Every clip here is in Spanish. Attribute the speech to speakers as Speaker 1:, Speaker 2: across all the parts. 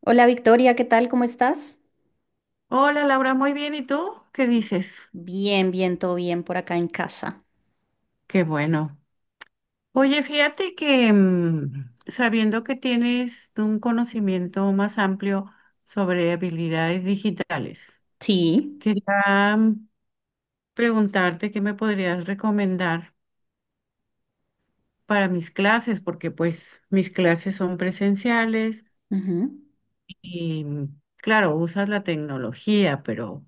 Speaker 1: Hola Victoria, ¿qué tal? ¿Cómo estás?
Speaker 2: Hola Laura, muy bien. ¿Y tú? ¿Qué dices?
Speaker 1: Bien, todo bien por acá en casa.
Speaker 2: Qué bueno. Oye, fíjate que sabiendo que tienes un conocimiento más amplio sobre habilidades digitales,
Speaker 1: Sí,
Speaker 2: quería preguntarte qué me podrías recomendar para mis clases, porque pues mis clases son presenciales
Speaker 1: ujú,
Speaker 2: y claro, usas la tecnología, pero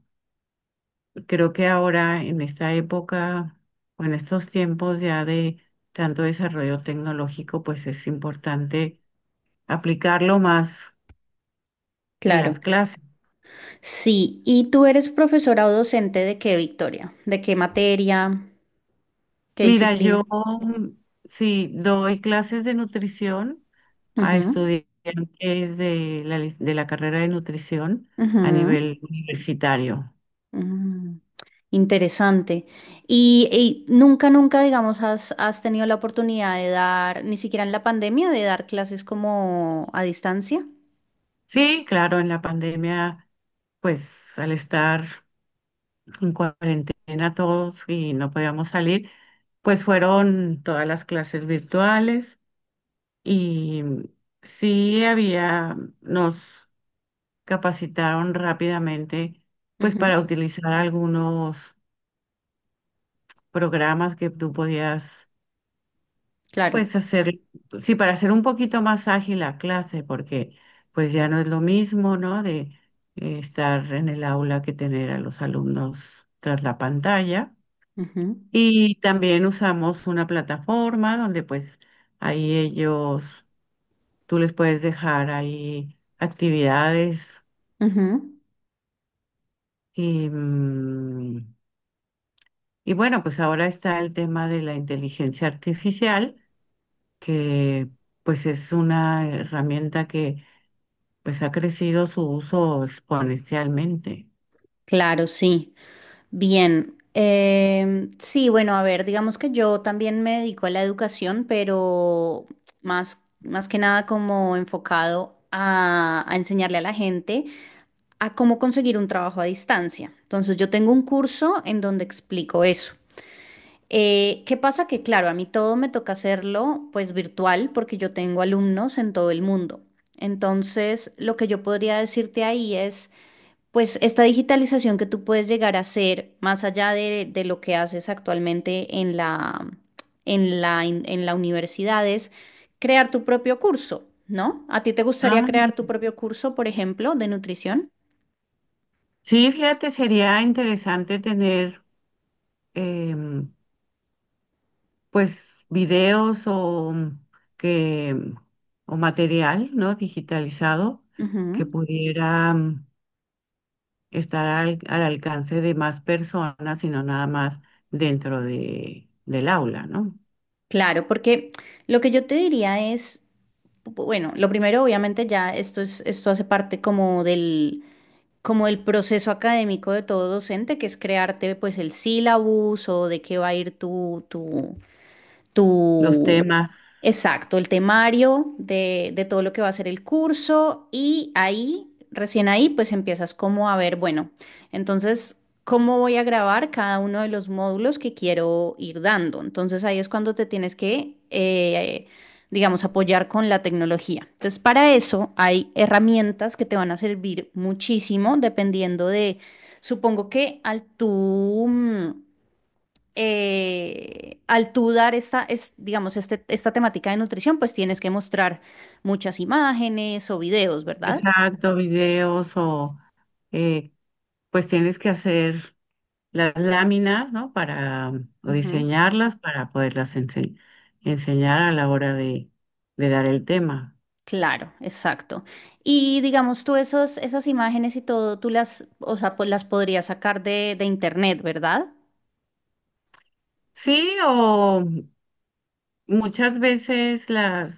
Speaker 2: creo que ahora, en esta época o en estos tiempos ya de tanto desarrollo tecnológico, pues es importante aplicarlo más en las
Speaker 1: claro.
Speaker 2: clases.
Speaker 1: Sí, ¿y tú eres profesora o docente de qué, Victoria? ¿De qué materia? ¿Qué
Speaker 2: Mira, yo
Speaker 1: disciplina?
Speaker 2: sí doy clases de nutrición a
Speaker 1: Ujú,
Speaker 2: estudiantes de la carrera de nutrición a
Speaker 1: ujú,
Speaker 2: nivel universitario.
Speaker 1: mm, Interesante. Y nunca, digamos, has tenido la oportunidad de dar, ni siquiera en la pandemia, ¿de dar clases como a distancia?
Speaker 2: Sí, claro, en la pandemia, pues al estar en cuarentena todos y no podíamos salir, pues fueron todas las clases virtuales y sí había, nos capacitaron rápidamente pues
Speaker 1: Ujú,
Speaker 2: para utilizar algunos programas que tú podías
Speaker 1: claro.
Speaker 2: pues hacer, sí, para hacer un poquito más ágil la clase, porque pues ya no es lo mismo, ¿no? De estar en el aula que tener a los alumnos tras la pantalla.
Speaker 1: Ujú,
Speaker 2: Y también usamos una plataforma donde pues ahí ellos, tú les puedes dejar ahí actividades
Speaker 1: ujú,
Speaker 2: y, y bueno, pues ahora está el tema de la inteligencia artificial, que pues es una herramienta que pues ha crecido su uso exponencialmente.
Speaker 1: claro, sí. Bien, sí, bueno, a ver, digamos que yo también me dedico a la educación, pero más que nada como enfocado a enseñarle a la gente a cómo conseguir un trabajo a distancia. Entonces, yo tengo un curso en donde explico eso. ¿Qué pasa? Que claro, a mí todo me toca hacerlo pues virtual porque yo tengo alumnos en todo el mundo. Entonces, lo que yo podría decirte ahí es... Pues esta digitalización que tú puedes llegar a hacer, más allá de lo que haces actualmente en en la universidad, es crear tu propio curso, ¿no? ¿A ti te gustaría
Speaker 2: Ah,
Speaker 1: crear
Speaker 2: mira.
Speaker 1: tu propio curso, por ejemplo, de nutrición?
Speaker 2: Sí, fíjate, sería interesante tener em, pues videos o que mm, o material, ¿no?, digitalizado,
Speaker 1: Ujú.
Speaker 2: que pudiera estar al alcance de más personas y no nada más del aula, ¿no?
Speaker 1: Claro, porque lo que yo te diría es, bueno, lo primero, obviamente, ya esto hace parte como del proceso académico de todo docente, que es crearte pues el sílabus o de qué va a ir tu, tu,
Speaker 2: Los
Speaker 1: tu,
Speaker 2: temas,
Speaker 1: exacto, el temario de todo lo que va a ser el curso y ahí, recién ahí, pues empiezas como a ver, bueno, entonces, ¿cómo voy a grabar cada uno de los módulos que quiero ir dando? Entonces ahí es cuando te tienes que, digamos, apoyar con la tecnología. Entonces, para eso hay herramientas que te van a servir muchísimo dependiendo de, supongo que al al tú dar digamos, esta temática de nutrición, pues tienes que mostrar muchas imágenes o videos, ¿verdad?
Speaker 2: exacto, videos o eh, pues tienes que hacer las láminas, ¿no? Para o
Speaker 1: Ujú.
Speaker 2: diseñarlas para poderlas enseñar a la hora de dar el tema.
Speaker 1: Claro, exacto. Y digamos esas imágenes y todo, o sea, pues las podrías sacar de internet, ¿verdad?
Speaker 2: Sí, o muchas veces las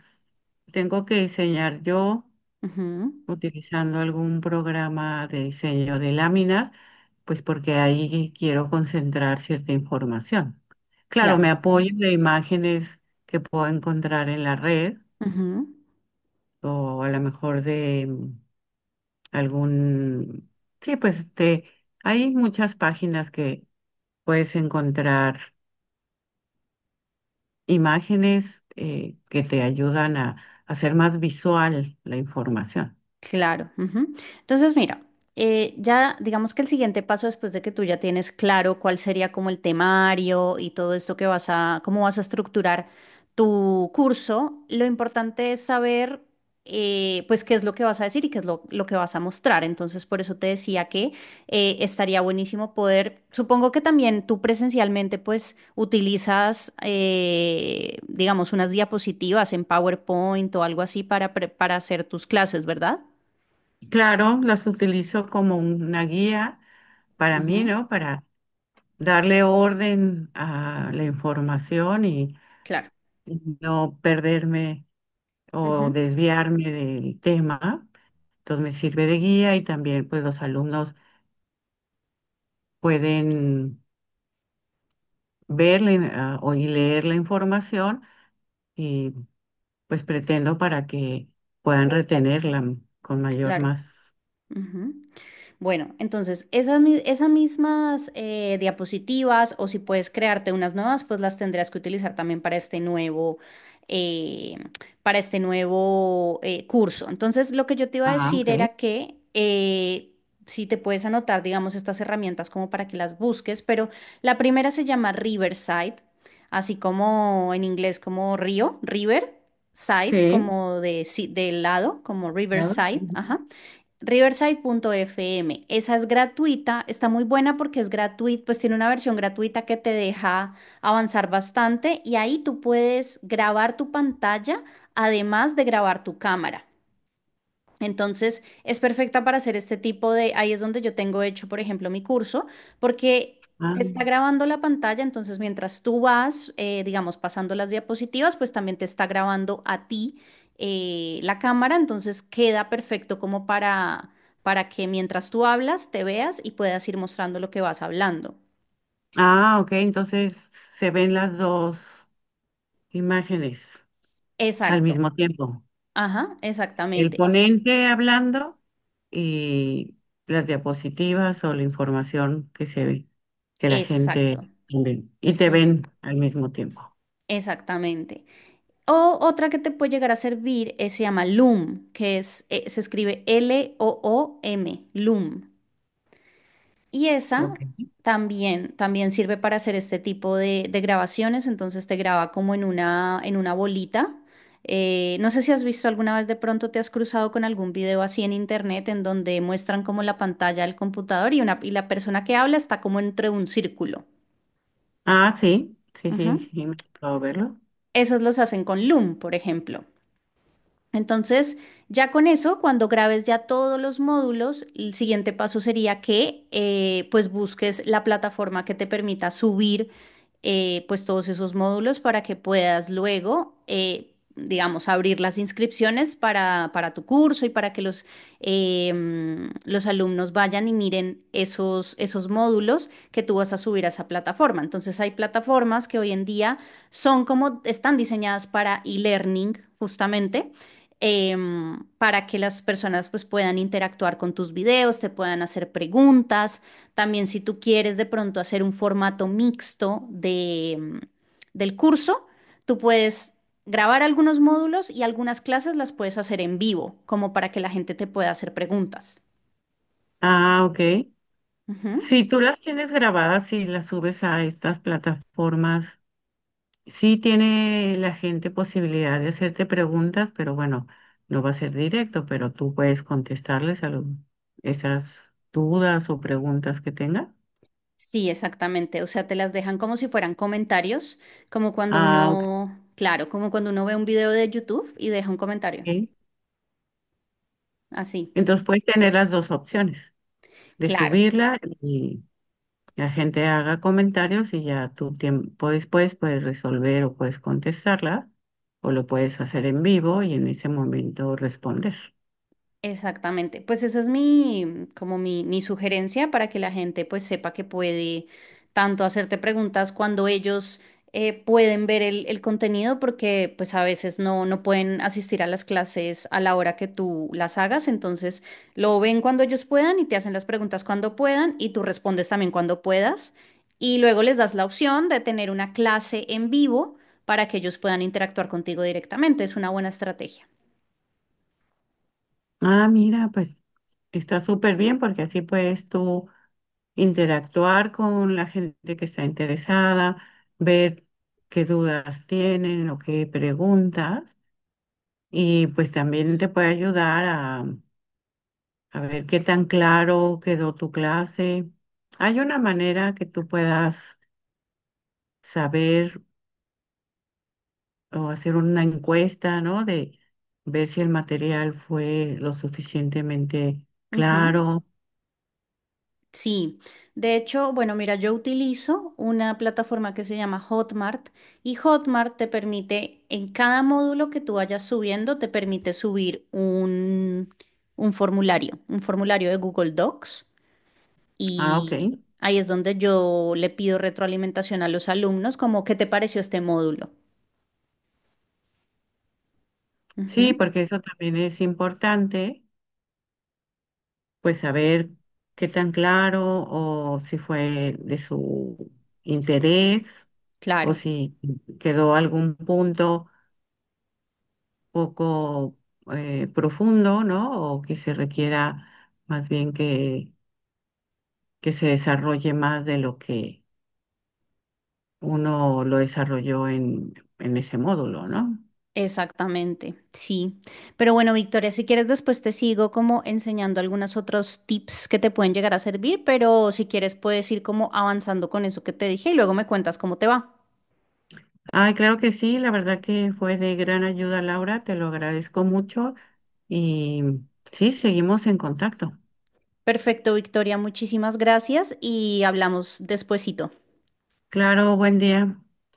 Speaker 2: tengo que diseñar yo
Speaker 1: Ujú,
Speaker 2: utilizando algún programa de diseño de láminas, pues porque ahí quiero concentrar cierta información. Claro,
Speaker 1: claro.
Speaker 2: me apoyo de imágenes que puedo encontrar en la red
Speaker 1: Ujú.
Speaker 2: o a lo mejor de algún... Sí, pues este, hay muchas páginas que puedes encontrar imágenes que te ayudan a hacer más visual la información.
Speaker 1: Claro, ujú. Entonces, mira, ya digamos que el siguiente paso después de que tú ya tienes claro cuál sería como el temario y todo esto que vas a, cómo vas a estructurar tu curso, lo importante es saber pues qué es lo que vas a decir y qué es lo que vas a mostrar. Entonces, por eso te decía que estaría buenísimo poder, supongo que también tú presencialmente pues utilizas, digamos, unas diapositivas en PowerPoint o algo así para, para hacer tus clases, ¿verdad?
Speaker 2: Claro, las utilizo como una guía para
Speaker 1: Ajá.
Speaker 2: mí, ¿no? Para darle orden a la información y
Speaker 1: Claro,
Speaker 2: no perderme
Speaker 1: ujú,
Speaker 2: o desviarme del tema. Entonces me sirve de guía y también pues los alumnos pueden ah, o y leer la información y pues pretendo para que puedan retenerla con mayor
Speaker 1: claro,
Speaker 2: más.
Speaker 1: ujú. Bueno, entonces esas mismas diapositivas o si puedes crearte unas nuevas, pues las tendrás que utilizar también para este nuevo, eh, para este nuevo curso. Entonces, lo que yo te iba a
Speaker 2: Ah,
Speaker 1: decir
Speaker 2: ok.
Speaker 1: era que si te puedes anotar, digamos, estas herramientas como para que las busques, pero la primera se llama Riverside, así como en inglés como río, River. Side,
Speaker 2: Sí,
Speaker 1: como de, si- de lado, como
Speaker 2: claro.
Speaker 1: Riverside,
Speaker 2: Ujú.
Speaker 1: ajá. Riverside.fm. Esa es gratuita, está muy buena porque es gratuita, pues tiene una versión gratuita que te deja avanzar bastante y ahí tú puedes grabar tu pantalla, además de grabar tu cámara. Entonces, es perfecta para hacer este tipo de, ahí es donde yo tengo hecho, por ejemplo, mi curso, porque te
Speaker 2: Ah.
Speaker 1: está grabando la pantalla, entonces mientras tú vas, digamos, pasando las diapositivas, pues también te está grabando a ti la cámara, entonces queda perfecto como para que mientras tú hablas, te veas y puedas ir mostrando lo que vas hablando.
Speaker 2: Ah, ok, entonces se ven las dos imágenes al
Speaker 1: Exacto.
Speaker 2: mismo tiempo.
Speaker 1: Ajá,
Speaker 2: El
Speaker 1: exactamente.
Speaker 2: ponente hablando y las diapositivas o la información que se ve, que la
Speaker 1: Exacto.
Speaker 2: gente ve y te
Speaker 1: Mm,
Speaker 2: ven al mismo tiempo.
Speaker 1: exactamente. O otra que te puede llegar a servir se llama Loom, se escribe L-O-O-M, Loom. Y esa
Speaker 2: Ok.
Speaker 1: también sirve para hacer este tipo de grabaciones, entonces te graba como en en una bolita. No sé si has visto alguna vez de pronto te has cruzado con algún video así en internet en donde muestran como la pantalla del computador y la persona que habla está como entre un círculo.
Speaker 2: Ah, sí, sí, sí,
Speaker 1: Ujú.
Speaker 2: sí, me puedo verlo.
Speaker 1: Esos los hacen con Loom, por ejemplo. Entonces, ya con eso, cuando grabes ya todos los módulos, el siguiente paso sería que pues busques la plataforma que te permita subir pues todos esos módulos para que puedas luego, digamos, abrir las inscripciones para tu curso y para que los, los alumnos vayan y miren esos módulos que tú vas a subir a esa plataforma. Entonces, hay plataformas que hoy en día son como, están diseñadas para e-learning justamente para que las personas pues puedan interactuar con tus videos, te puedan hacer preguntas. También si tú quieres de pronto hacer un formato mixto de, del curso, tú puedes grabar algunos módulos y algunas clases las puedes hacer en vivo, como para que la gente te pueda hacer preguntas.
Speaker 2: Ah, ok.
Speaker 1: Ujú.
Speaker 2: Si tú las tienes grabadas y las subes a estas plataformas, sí tiene la gente posibilidad de hacerte preguntas, pero bueno, no va a ser directo, pero tú puedes contestarles esas dudas o preguntas que tenga.
Speaker 1: Sí, exactamente. O sea, te las dejan como si fueran comentarios, como cuando
Speaker 2: Ah, ok.
Speaker 1: uno, claro, como cuando uno ve un video de YouTube y deja un comentario. Así.
Speaker 2: Entonces puedes tener las dos opciones, de
Speaker 1: Claro.
Speaker 2: subirla y la gente haga comentarios y ya tu tiempo después puedes resolver o puedes contestarla, o lo puedes hacer en vivo y en ese momento responder.
Speaker 1: Exactamente, pues esa es mi sugerencia para que la gente pues sepa que puede tanto hacerte preguntas cuando ellos pueden ver el contenido porque pues a veces no pueden asistir a las clases a la hora que tú las hagas, entonces lo ven cuando ellos puedan y te hacen las preguntas cuando puedan y tú respondes también cuando puedas y luego les das la opción de tener una clase en vivo para que ellos puedan interactuar contigo directamente, es una buena estrategia.
Speaker 2: Ah, mira, pues está súper bien porque así puedes tú interactuar con la gente que está interesada, ver qué dudas tienen o qué preguntas y pues también te puede ayudar a ver qué tan claro quedó tu clase. Hay una manera que tú puedas saber o hacer una encuesta, ¿no? De ver si el material fue lo suficientemente
Speaker 1: Ujú.
Speaker 2: claro.
Speaker 1: Sí, de hecho, bueno, mira, yo utilizo una plataforma que se llama Hotmart y Hotmart te permite, en cada módulo que tú vayas subiendo, te permite subir un formulario de Google Docs
Speaker 2: Ah, ok.
Speaker 1: y ahí es donde yo le pido retroalimentación a los alumnos, como, ¿qué te pareció este módulo?
Speaker 2: Sí,
Speaker 1: Ujú,
Speaker 2: porque eso también es importante pues saber qué tan claro o si fue de su interés o
Speaker 1: claro.
Speaker 2: si quedó algún punto poco profundo, ¿no? O que se requiera más bien que se desarrolle más de lo que uno lo desarrolló en ese módulo, ¿no?
Speaker 1: Exactamente, sí. Pero bueno, Victoria, si quieres después te sigo como enseñando algunos otros tips que te pueden llegar a servir, pero si quieres puedes ir como avanzando con eso que te dije y luego me cuentas cómo te va.
Speaker 2: Ay, claro que sí, la verdad que fue de gran ayuda, Laura, te lo agradezco mucho y sí, seguimos en contacto.
Speaker 1: Perfecto, Victoria, muchísimas gracias y hablamos despuesito.
Speaker 2: Claro, buen día.